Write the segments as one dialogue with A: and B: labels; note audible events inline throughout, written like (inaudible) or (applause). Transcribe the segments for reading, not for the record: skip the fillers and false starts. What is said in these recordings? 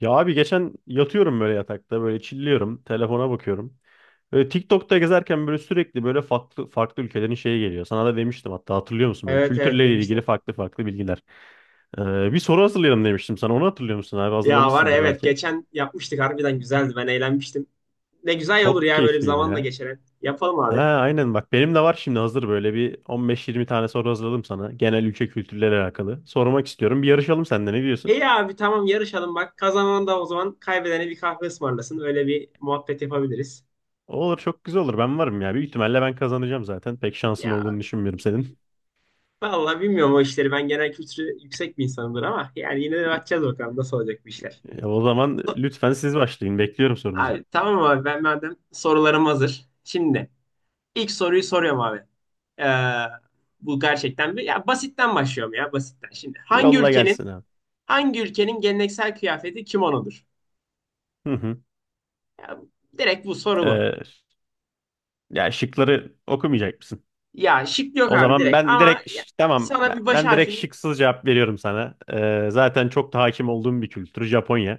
A: Ya abi geçen yatıyorum böyle yatakta böyle chilliyorum telefona bakıyorum. Böyle TikTok'ta gezerken böyle sürekli böyle farklı farklı ülkelerin şeyi geliyor. Sana da demiştim hatta hatırlıyor musun böyle
B: Evet evet
A: kültürle
B: demiştim.
A: ilgili farklı farklı bilgiler. Bir soru hazırlayalım demiştim sana onu hatırlıyor musun abi
B: Ya var ya,
A: hazırlamışsındır
B: evet
A: belki.
B: geçen yapmıştık harbiden güzeldi ben eğlenmiştim. Ne güzel olur
A: Çok
B: ya böyle bir
A: keyifliydi
B: zaman da
A: ya.
B: geçer. Yapalım
A: Ha
B: abi.
A: aynen bak benim de var şimdi hazır böyle bir 15-20 tane soru hazırladım sana. Genel ülke kültürleri alakalı. Sormak istiyorum bir yarışalım senden ne diyorsun?
B: İyi abi tamam yarışalım bak kazanan da o zaman kaybedene bir kahve ısmarlasın öyle bir muhabbet yapabiliriz.
A: Olur çok güzel olur ben varım ya. Büyük ihtimalle ben kazanacağım zaten. Pek şansın
B: Ya
A: olduğunu düşünmüyorum senin.
B: vallahi bilmiyorum o işleri ben genel kültürü yüksek bir insanımdır ama yani yine de bakacağız bakalım nasıl olacak bu işler.
A: O zaman
B: So-
A: lütfen siz başlayın. Bekliyorum sorunuzu.
B: Abi tamam abi ben madem sorularım hazır. Şimdi ilk soruyu soruyorum abi. Ee, Bu gerçekten bir ya basitten başlıyorum ya basitten. Şimdi hangi
A: Yolla gelsin
B: ülkenin
A: abi.
B: Hangi ülkenin geleneksel kıyafeti kimonodur?
A: Hı hı.
B: Ya, direkt bu soru bu.
A: E, ya şıkları okumayacak mısın?
B: Ya şık yok
A: O
B: abi
A: zaman
B: direkt
A: ben
B: ama
A: direkt
B: ya,
A: tamam
B: sana
A: ben,
B: bir baş
A: ben direkt
B: harfini
A: şıksız cevap veriyorum sana. Zaten çok da hakim olduğum bir kültür Japonya.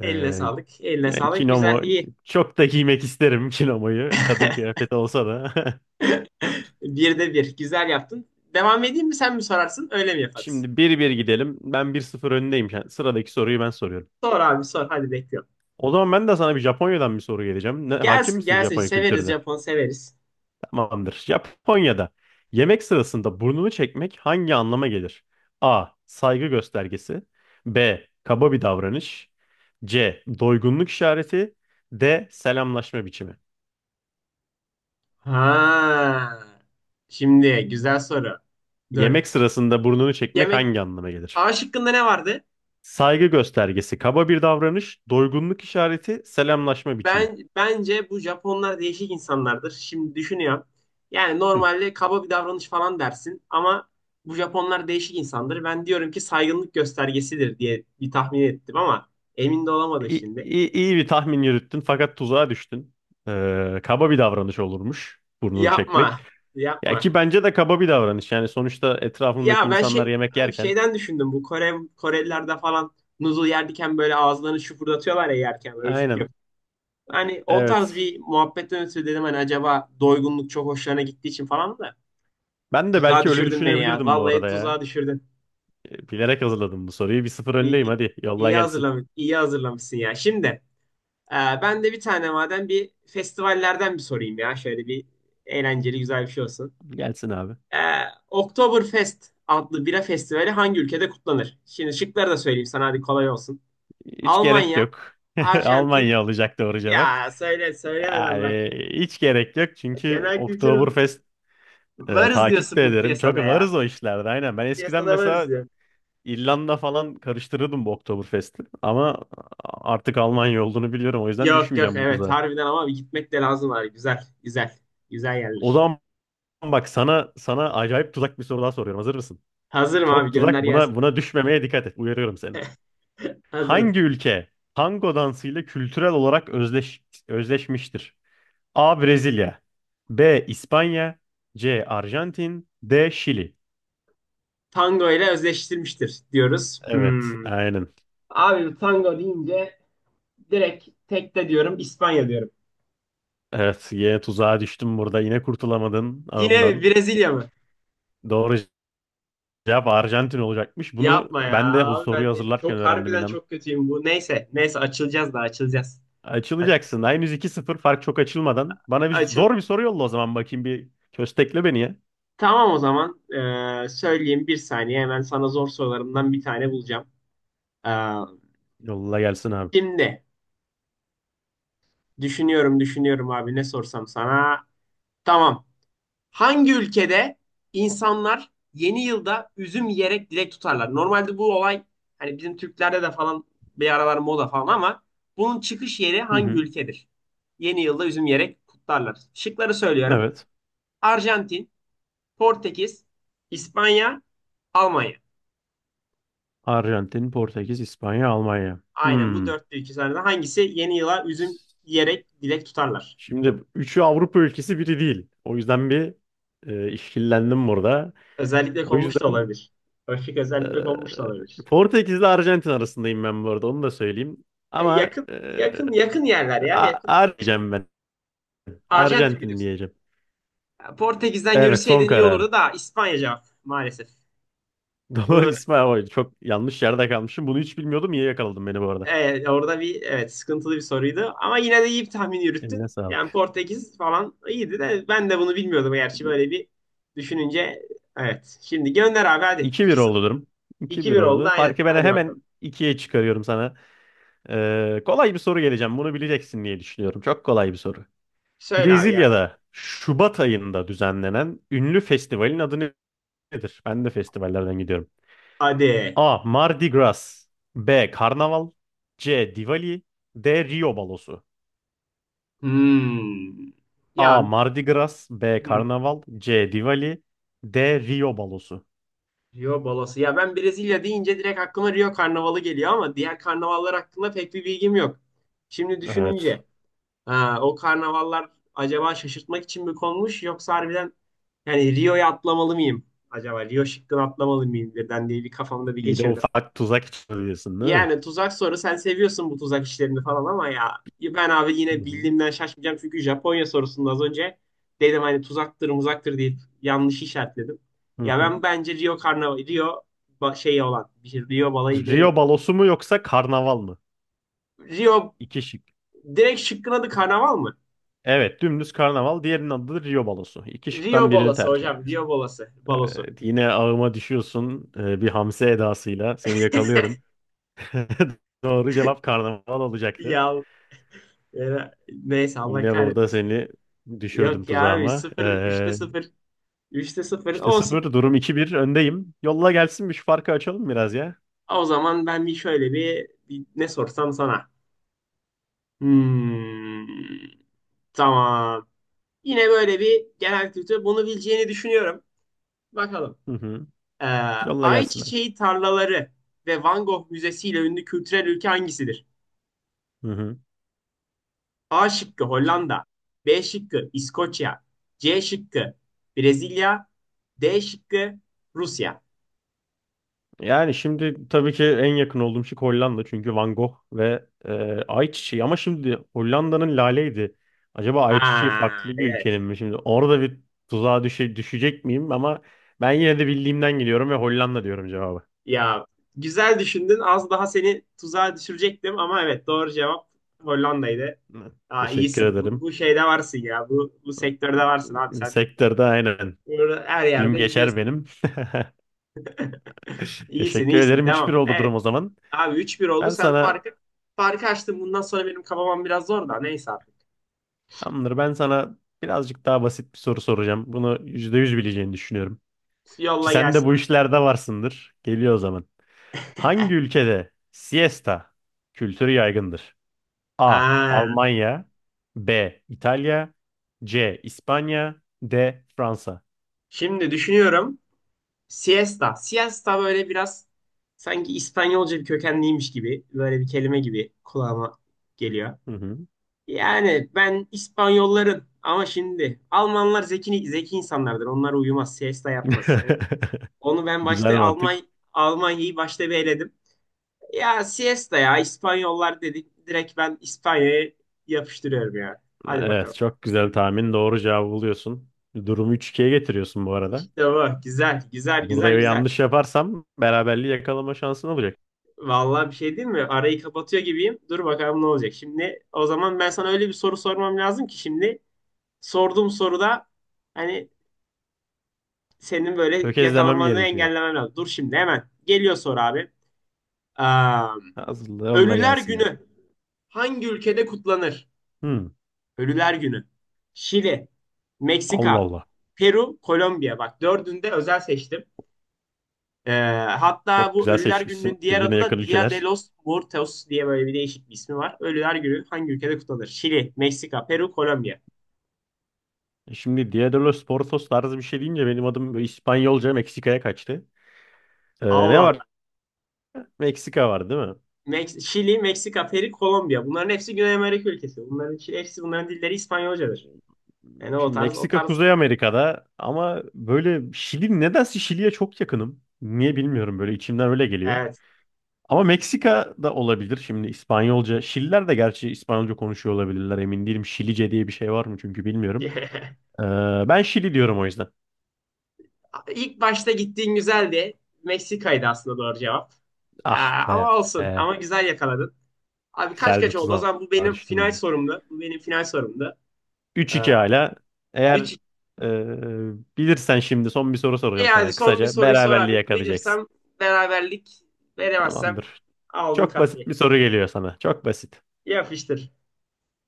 A: E,
B: eline sağlık. Eline
A: yani
B: sağlık. Güzel
A: kimono
B: iyi.
A: çok da giymek isterim (laughs) kimonoyu. Kadın
B: (laughs)
A: kıyafeti olsa da.
B: Bir de bir. Güzel yaptın. Devam edeyim mi sen mi sorarsın? Öyle mi
A: (laughs)
B: yaparız?
A: Şimdi bir bir gidelim. Ben bir sıfır öndeyim. Yani sıradaki soruyu ben soruyorum.
B: Sor abi sor. Hadi bekliyorum.
A: O zaman ben de sana bir Japonya'dan bir soru geleceğim. Ne, hakim
B: Gelsin
A: misin
B: gelsin.
A: Japonya
B: Severiz
A: kültürüne?
B: Japon severiz.
A: Tamamdır. Japonya'da yemek sırasında burnunu çekmek hangi anlama gelir? A. Saygı göstergesi. B. Kaba bir davranış. C. Doygunluk işareti. D. Selamlaşma biçimi.
B: Ha. Şimdi güzel soru. Dur.
A: Yemek sırasında burnunu çekmek
B: Yemek
A: hangi anlama gelir?
B: A şıkkında ne vardı?
A: Saygı göstergesi, kaba bir davranış, doygunluk işareti, selamlaşma biçimi.
B: Ben bence bu Japonlar değişik insanlardır. Şimdi düşünüyorum. Yani
A: Hı.
B: normalde kaba bir davranış falan dersin ama bu Japonlar değişik insandır. Ben diyorum ki saygınlık göstergesidir diye bir tahmin ettim ama emin de olamadım
A: İyi,
B: şimdi.
A: iyi, iyi bir tahmin yürüttün fakat tuzağa düştün. Kaba bir davranış olurmuş burnunu
B: Yapma,
A: çekmek. Ya
B: yapma.
A: ki bence de kaba bir davranış. Yani sonuçta etrafındaki
B: Ya ben
A: insanlar
B: şey
A: yemek
B: abi
A: yerken.
B: şeyden düşündüm bu Korelilerde falan noodle yerken böyle ağızlarını şıpırdatıyorlar ya yerken böyle üf
A: Aynen.
B: yapıp. Hani o tarz
A: Evet.
B: bir muhabbetten ötürü dedim hani acaba doygunluk çok hoşlarına gittiği için falan da.
A: Ben de
B: Tuzağa
A: belki öyle
B: düşürdün beni ya.
A: düşünebilirdim bu
B: Vallahi
A: arada ya.
B: tuzağa düşürdün.
A: Bilerek hazırladım bu soruyu. Bir sıfır
B: İyi,
A: öndeyim
B: iyi,
A: hadi. Yolla gelsin.
B: iyi hazırlamışsın ya. Şimdi e, ben de bir tane madem bir festivallerden bir sorayım ya. Şöyle bir eğlenceli güzel bir şey olsun.
A: Gelsin abi.
B: E, Oktoberfest adlı bira festivali hangi ülkede kutlanır? Şimdi şıkları da söyleyeyim sana hadi kolay olsun.
A: Hiç gerek
B: Almanya,
A: yok. (laughs)
B: Arjantin.
A: Almanya olacak doğru cevap.
B: Ya söyle söylemeden bak.
A: Yani hiç gerek yok çünkü
B: Genel kültür
A: Oktoberfest
B: varız
A: takip
B: diyorsun
A: de
B: bu
A: ederim. Çok
B: piyasada ya.
A: varız o işlerde aynen. Ben
B: Bu
A: eskiden
B: piyasada varız.
A: mesela İrlanda falan karıştırırdım bu Oktoberfest'i. Ama artık Almanya olduğunu biliyorum. O yüzden
B: Yok yok
A: düşmeyeceğim bu
B: evet
A: tuzağa.
B: harbiden ama bir gitmek de lazım abi. Güzel güzel. Güzel
A: O
B: yerler.
A: zaman bak sana acayip tuzak bir soru daha soruyorum. Hazır mısın?
B: Hazırım abi
A: Çok tuzak.
B: gönder
A: Buna
B: gelsin.
A: buna düşmemeye dikkat et. Uyarıyorum seni.
B: (laughs) Hazırım.
A: Hangi ülke tango dansıyla kültürel olarak özleşmiştir? A. Brezilya B. İspanya C. Arjantin D. Şili
B: Tango ile özdeştirmiştir diyoruz.
A: Evet,
B: Hmm.
A: aynen.
B: Abi tango deyince direkt tekte diyorum İspanya diyorum.
A: Evet, yine tuzağa düştüm burada. Yine kurtulamadın
B: Yine mi
A: ağımdan.
B: Brezilya mı?
A: Doğru cevap Arjantin olacakmış. Bunu
B: Yapma ya
A: ben de bu
B: abi
A: soruyu
B: ben de
A: hazırlarken
B: çok
A: öğrendim
B: harbiden
A: inan.
B: çok kötüyüm bu. Neyse neyse açılacağız da açılacağız. A-
A: Açılacaksın. Daha henüz 2-0 fark çok açılmadan. Bana bir
B: Açıl
A: zor bir soru yolla o zaman bakayım bir köstekle beni ya.
B: Tamam o zaman söyleyeyim bir saniye hemen sana zor sorularımdan bir tane bulacağım. Ee,
A: Yolla gelsin abi.
B: Şimdi düşünüyorum, düşünüyorum abi ne sorsam sana. Tamam. Hangi ülkede insanlar yeni yılda üzüm yiyerek dilek tutarlar? Normalde bu olay hani bizim Türklerde de falan bir aralar moda falan ama bunun çıkış yeri
A: Hı
B: hangi
A: hı.
B: ülkedir? Yeni yılda üzüm yiyerek kutlarlar. Şıkları söylüyorum.
A: Evet.
B: Arjantin, Portekiz, İspanya, Almanya.
A: Arjantin, Portekiz, İspanya, Almanya.
B: Aynen bu
A: Hmm.
B: dörtlü iki tane hangisi yeni yıla üzüm yiyerek dilek tutarlar?
A: Şimdi üçü Avrupa ülkesi biri değil. O yüzden bir işkillendim burada.
B: Özellikle
A: O
B: konmuş da
A: yüzden
B: olabilir. O özellikle konmuş da olabilir.
A: Portekiz ile Arjantin arasındayım ben bu arada onu da söyleyeyim.
B: Ya
A: Ama
B: yakın yakın yakın yerler ya.
A: A-
B: Yakın
A: A diyeceğim ben.
B: Arjantin
A: Arjantin
B: biliyorsun.
A: diyeceğim.
B: Ya Portekiz'den
A: Evet son
B: yürüseydin iyi
A: kararım.
B: olurdu da İspanya cevap maalesef.
A: (laughs) Doğru
B: Bu
A: İsmail Hoca. Çok yanlış yerde kalmışım. Bunu hiç bilmiyordum. İyi yakaladın beni bu arada.
B: evet, Orada bir, evet, sıkıntılı bir soruydu ama yine de iyi bir tahmin yürüttün.
A: Eline
B: Yani
A: sağlık.
B: Portekiz falan iyiydi de ben de bunu bilmiyordum gerçi böyle bir düşününce evet. Şimdi gönder abi hadi.
A: 2 bir oldu
B: 2-0
A: durum. 2 bir
B: 2-1 oldu
A: oldu.
B: aynen.
A: Farkı ben
B: Hadi bakalım.
A: hemen ikiye çıkarıyorum sana. Kolay bir soru geleceğim. Bunu bileceksin diye düşünüyorum. Çok kolay bir soru.
B: Söyle abi gelsin.
A: Brezilya'da Şubat ayında düzenlenen ünlü festivalin adı nedir? Ben de festivallerden gidiyorum.
B: Hadi.
A: A. Mardi Gras B. Karnaval C. Diwali D. Rio Balosu.
B: Hmm.
A: A.
B: Ya
A: Mardi Gras B.
B: hmm.
A: Karnaval C. Diwali D. Rio balosu.
B: Rio balası. Ya ben Brezilya deyince direkt aklıma Rio Karnavalı geliyor ama diğer karnavallar hakkında pek bir bilgim yok. Şimdi
A: Evet.
B: düşününce ha, o karnavallar acaba şaşırtmak için mi konmuş yoksa harbiden yani Rio'ya atlamalı mıyım? Acaba Rio şıkkını atlamalı mıyım diye ben de bir kafamda bir
A: Bir de
B: geçirdim.
A: ufak tuzak içeriyorsun değil mi?
B: Yani tuzak soru sen seviyorsun bu tuzak işlerini falan ama ya ben abi
A: Hı
B: yine
A: hı.
B: bildiğimden şaşmayacağım çünkü Japonya sorusunda az önce dedim hani tuzaktır muzaktır deyip yanlış işaretledim.
A: Hı
B: Ya ben
A: hı.
B: bence Rio Karnaval Rio şey olan bir şey Rio balayı neydi?
A: Rio balosu mu yoksa karnaval mı?
B: Rio
A: İki şık.
B: Direkt şıkkın adı karnaval mı?
A: Evet dümdüz karnaval. Diğerinin adı da Rio balosu. İki şıktan
B: Rio
A: birini
B: balası
A: tercih
B: hocam
A: edeceksin.
B: Rio balası balosu.
A: Evet yine ağıma düşüyorsun bir hamse edasıyla. Seni yakalıyorum. (laughs) Doğru cevap karnaval olacaktı.
B: Ya neyse Allah
A: Yine burada
B: kahretmesin.
A: seni düşürdüm
B: Yok ya abi
A: tuzağıma.
B: sıfır üçte sıfır üçte sıfır
A: İşte
B: olsun.
A: sıfır durum iki bir öndeyim. Yolla gelsin bir şu farkı açalım biraz ya.
B: O zaman ben bir şöyle bir ne sorsam sana. Hmm, tamam. Yine böyle bir genel kültür. Bunu bileceğini düşünüyorum. Bakalım.
A: Hı hı.
B: Ee,
A: Yolla gelsin.
B: Ayçiçeği tarlaları ve Van Gogh Müzesi ile ünlü kültürel ülke hangisidir?
A: Hı hı.
B: A şıkkı
A: Ş-
B: Hollanda, B şıkkı İskoçya, C şıkkı Brezilya, D şıkkı Rusya.
A: yani şimdi tabii ki en yakın olduğum şey Hollanda çünkü Van Gogh ve ayçiçeği ama şimdi Hollanda'nın lale'ydi. Acaba ayçiçeği
B: Aa,
A: farklı bir
B: evet.
A: ülkenin mi? Şimdi orada bir tuzağa düşecek miyim ama ben yine de bildiğimden geliyorum ve Hollanda diyorum cevabı.
B: Ya güzel düşündün. Az daha seni tuzağa düşürecektim ama evet doğru cevap Hollanda'ydı.
A: Hı.
B: Aa,
A: Teşekkür
B: iyisin. Bu,
A: ederim.
B: bu şeyde varsın ya. Bu sektörde varsın abi sen.
A: Sektörde aynen.
B: Bunu her yerde
A: Film geçer
B: biliyorsun.
A: benim.
B: (laughs)
A: (laughs)
B: İyisin
A: Teşekkür
B: iyisin.
A: ederim. 3-1
B: Devam.
A: oldu
B: Evet
A: durum o zaman.
B: abi üç bir oldu.
A: Ben
B: Sen
A: sana
B: farkı açtın. Bundan sonra benim kafamam biraz zor da. Neyse artık.
A: tamamdır. Ben sana birazcık daha basit bir soru soracağım. Bunu %100 bileceğini düşünüyorum. Ki
B: Yolla
A: sen de
B: gelsin
A: bu
B: abi.
A: işlerde varsındır. Geliyor o zaman. Hangi ülkede siesta kültürü yaygındır? A.
B: Ha.
A: Almanya B. İtalya C. İspanya D. Fransa
B: Şimdi düşünüyorum. Siesta. Siesta böyle biraz sanki İspanyolca bir kökenliymiş gibi. Böyle bir kelime gibi kulağıma geliyor.
A: Hı hı.
B: Yani ben İspanyolların ama şimdi Almanlar zeki zeki insanlardır. Onlar uyumaz, siesta yapmaz.
A: (laughs)
B: Onu ben
A: Güzel
B: başta
A: mantık.
B: Almanya'yı başta bir eledim. Ya siesta ya İspanyollar dedik. Direkt ben İspanya'ya yapıştırıyorum ya. Hadi bakalım.
A: Evet, çok güzel tahmin. Doğru cevabı buluyorsun. Durumu üç 2'ye getiriyorsun bu arada.
B: İşte bu. Güzel, güzel,
A: Burada
B: güzel, güzel.
A: yanlış yaparsam beraberliği yakalama şansın olacak.
B: Vallahi bir şey değil mi? Arayı kapatıyor gibiyim. Dur bakalım ne olacak. Şimdi o zaman ben sana öyle bir soru sormam lazım ki şimdi sorduğum soruda hani senin böyle
A: Tökezlemem
B: yakalanmanı
A: gerekiyor.
B: engellemen lazım. Dur şimdi hemen. Geliyor soru abi. Am,
A: Hazırla yolla
B: Ölüler
A: gelsin, abi.
B: Günü hangi ülkede kutlanır?
A: Hmm.
B: Ölüler Günü. Şili,
A: Allah
B: Meksika,
A: Allah.
B: Peru, Kolombiya. Bak dördünde özel seçtim. Ee, Hatta
A: Çok
B: bu
A: güzel
B: Ölüler
A: seçmişsin.
B: Günü'nün diğer
A: Birbirine
B: adı
A: yakın
B: da Dia de
A: ülkeler.
B: los Muertos diye böyle bir değişik bir ismi var. Ölüler Günü hangi ülkede kutlanır? Şili, Meksika, Peru, Kolombiya.
A: E şimdi Dia de los Portos tarzı bir şey deyince benim adım böyle İspanyolca Meksika'ya kaçtı. Ne
B: Allah
A: var?
B: Allah.
A: Meksika var değil mi?
B: Şili, Meksika, Peru, Kolombiya. Bunların hepsi Güney Amerika ülkesi. Bunların hepsi bunların dilleri İspanyolcadır. Yani o
A: Şimdi
B: tarz o
A: Meksika
B: tarz.
A: Kuzey Amerika'da ama böyle Şili nedense Şili'ye çok yakınım. Niye bilmiyorum böyle içimden öyle geliyor.
B: Evet.
A: Ama Meksika da olabilir şimdi İspanyolca. Şililer de gerçi İspanyolca konuşuyor olabilirler emin değilim. Şilice diye bir şey var mı çünkü bilmiyorum.
B: (laughs)
A: Ee, ben Şili diyorum o yüzden.
B: İlk başta gittiğin güzeldi. Meksika'ydı aslında doğru cevap.
A: Ah be.
B: Ama olsun. Ama güzel yakaladın. Abi kaç
A: Güzel bir
B: kaç oldu? O
A: tuzağa
B: zaman bu benim
A: düştüm
B: final
A: ben de.
B: sorumdu. Bu benim final sorumdu.
A: Üç
B: Ee,
A: iki hala. Eğer
B: 3
A: bilirsen şimdi son bir soru soracağım
B: Yani
A: sana.
B: son bir
A: Kısaca
B: soruyu sor
A: beraberliği
B: hadi.
A: yakalayacaksın.
B: Bilirsem beraberlik, veremezsem
A: Tamamdır.
B: aldın
A: Çok basit
B: kahveyi.
A: bir soru geliyor sana. Çok basit.
B: Yapıştır.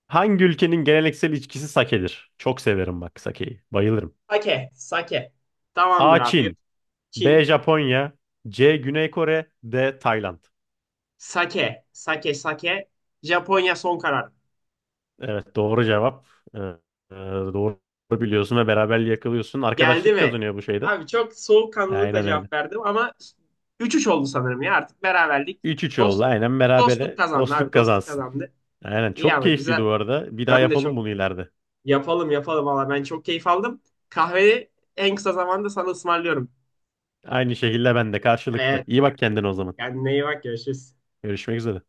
A: Hangi ülkenin geleneksel içkisi sake'dir? Çok severim bak sake'yi. Bayılırım.
B: Sake. Sake. Tamamdır
A: A.
B: abi.
A: Çin. B.
B: Çin.
A: Japonya. C. Güney Kore. D. Tayland.
B: Sake. Sake. Sake. Japonya son karar.
A: Evet doğru cevap. E, doğru biliyorsun ve beraberliği yakalıyorsun.
B: Geldi
A: Arkadaşlık
B: mi?
A: kazanıyor bu şeyde.
B: Abi çok soğukkanlılıkla
A: Aynen öyle.
B: cevap verdim ama 3-3 oldu sanırım ya artık beraberlik.
A: 3-3 oldu.
B: Dost,
A: Aynen
B: Dostluk
A: berabere
B: kazandı abi
A: dostluk
B: dostluk
A: kazansın.
B: kazandı.
A: Aynen
B: İyi
A: çok
B: ama
A: keyifliydi
B: güzel.
A: bu arada. Bir daha
B: Ben de
A: yapalım
B: çok
A: bunu ileride.
B: yapalım yapalım valla ben çok keyif aldım. Kahveyi en kısa zamanda sana ısmarlıyorum.
A: Aynı şekilde ben de karşılıklı.
B: Evet
A: İyi bak kendine o zaman.
B: kendine iyi bak görüşürüz.
A: Görüşmek üzere.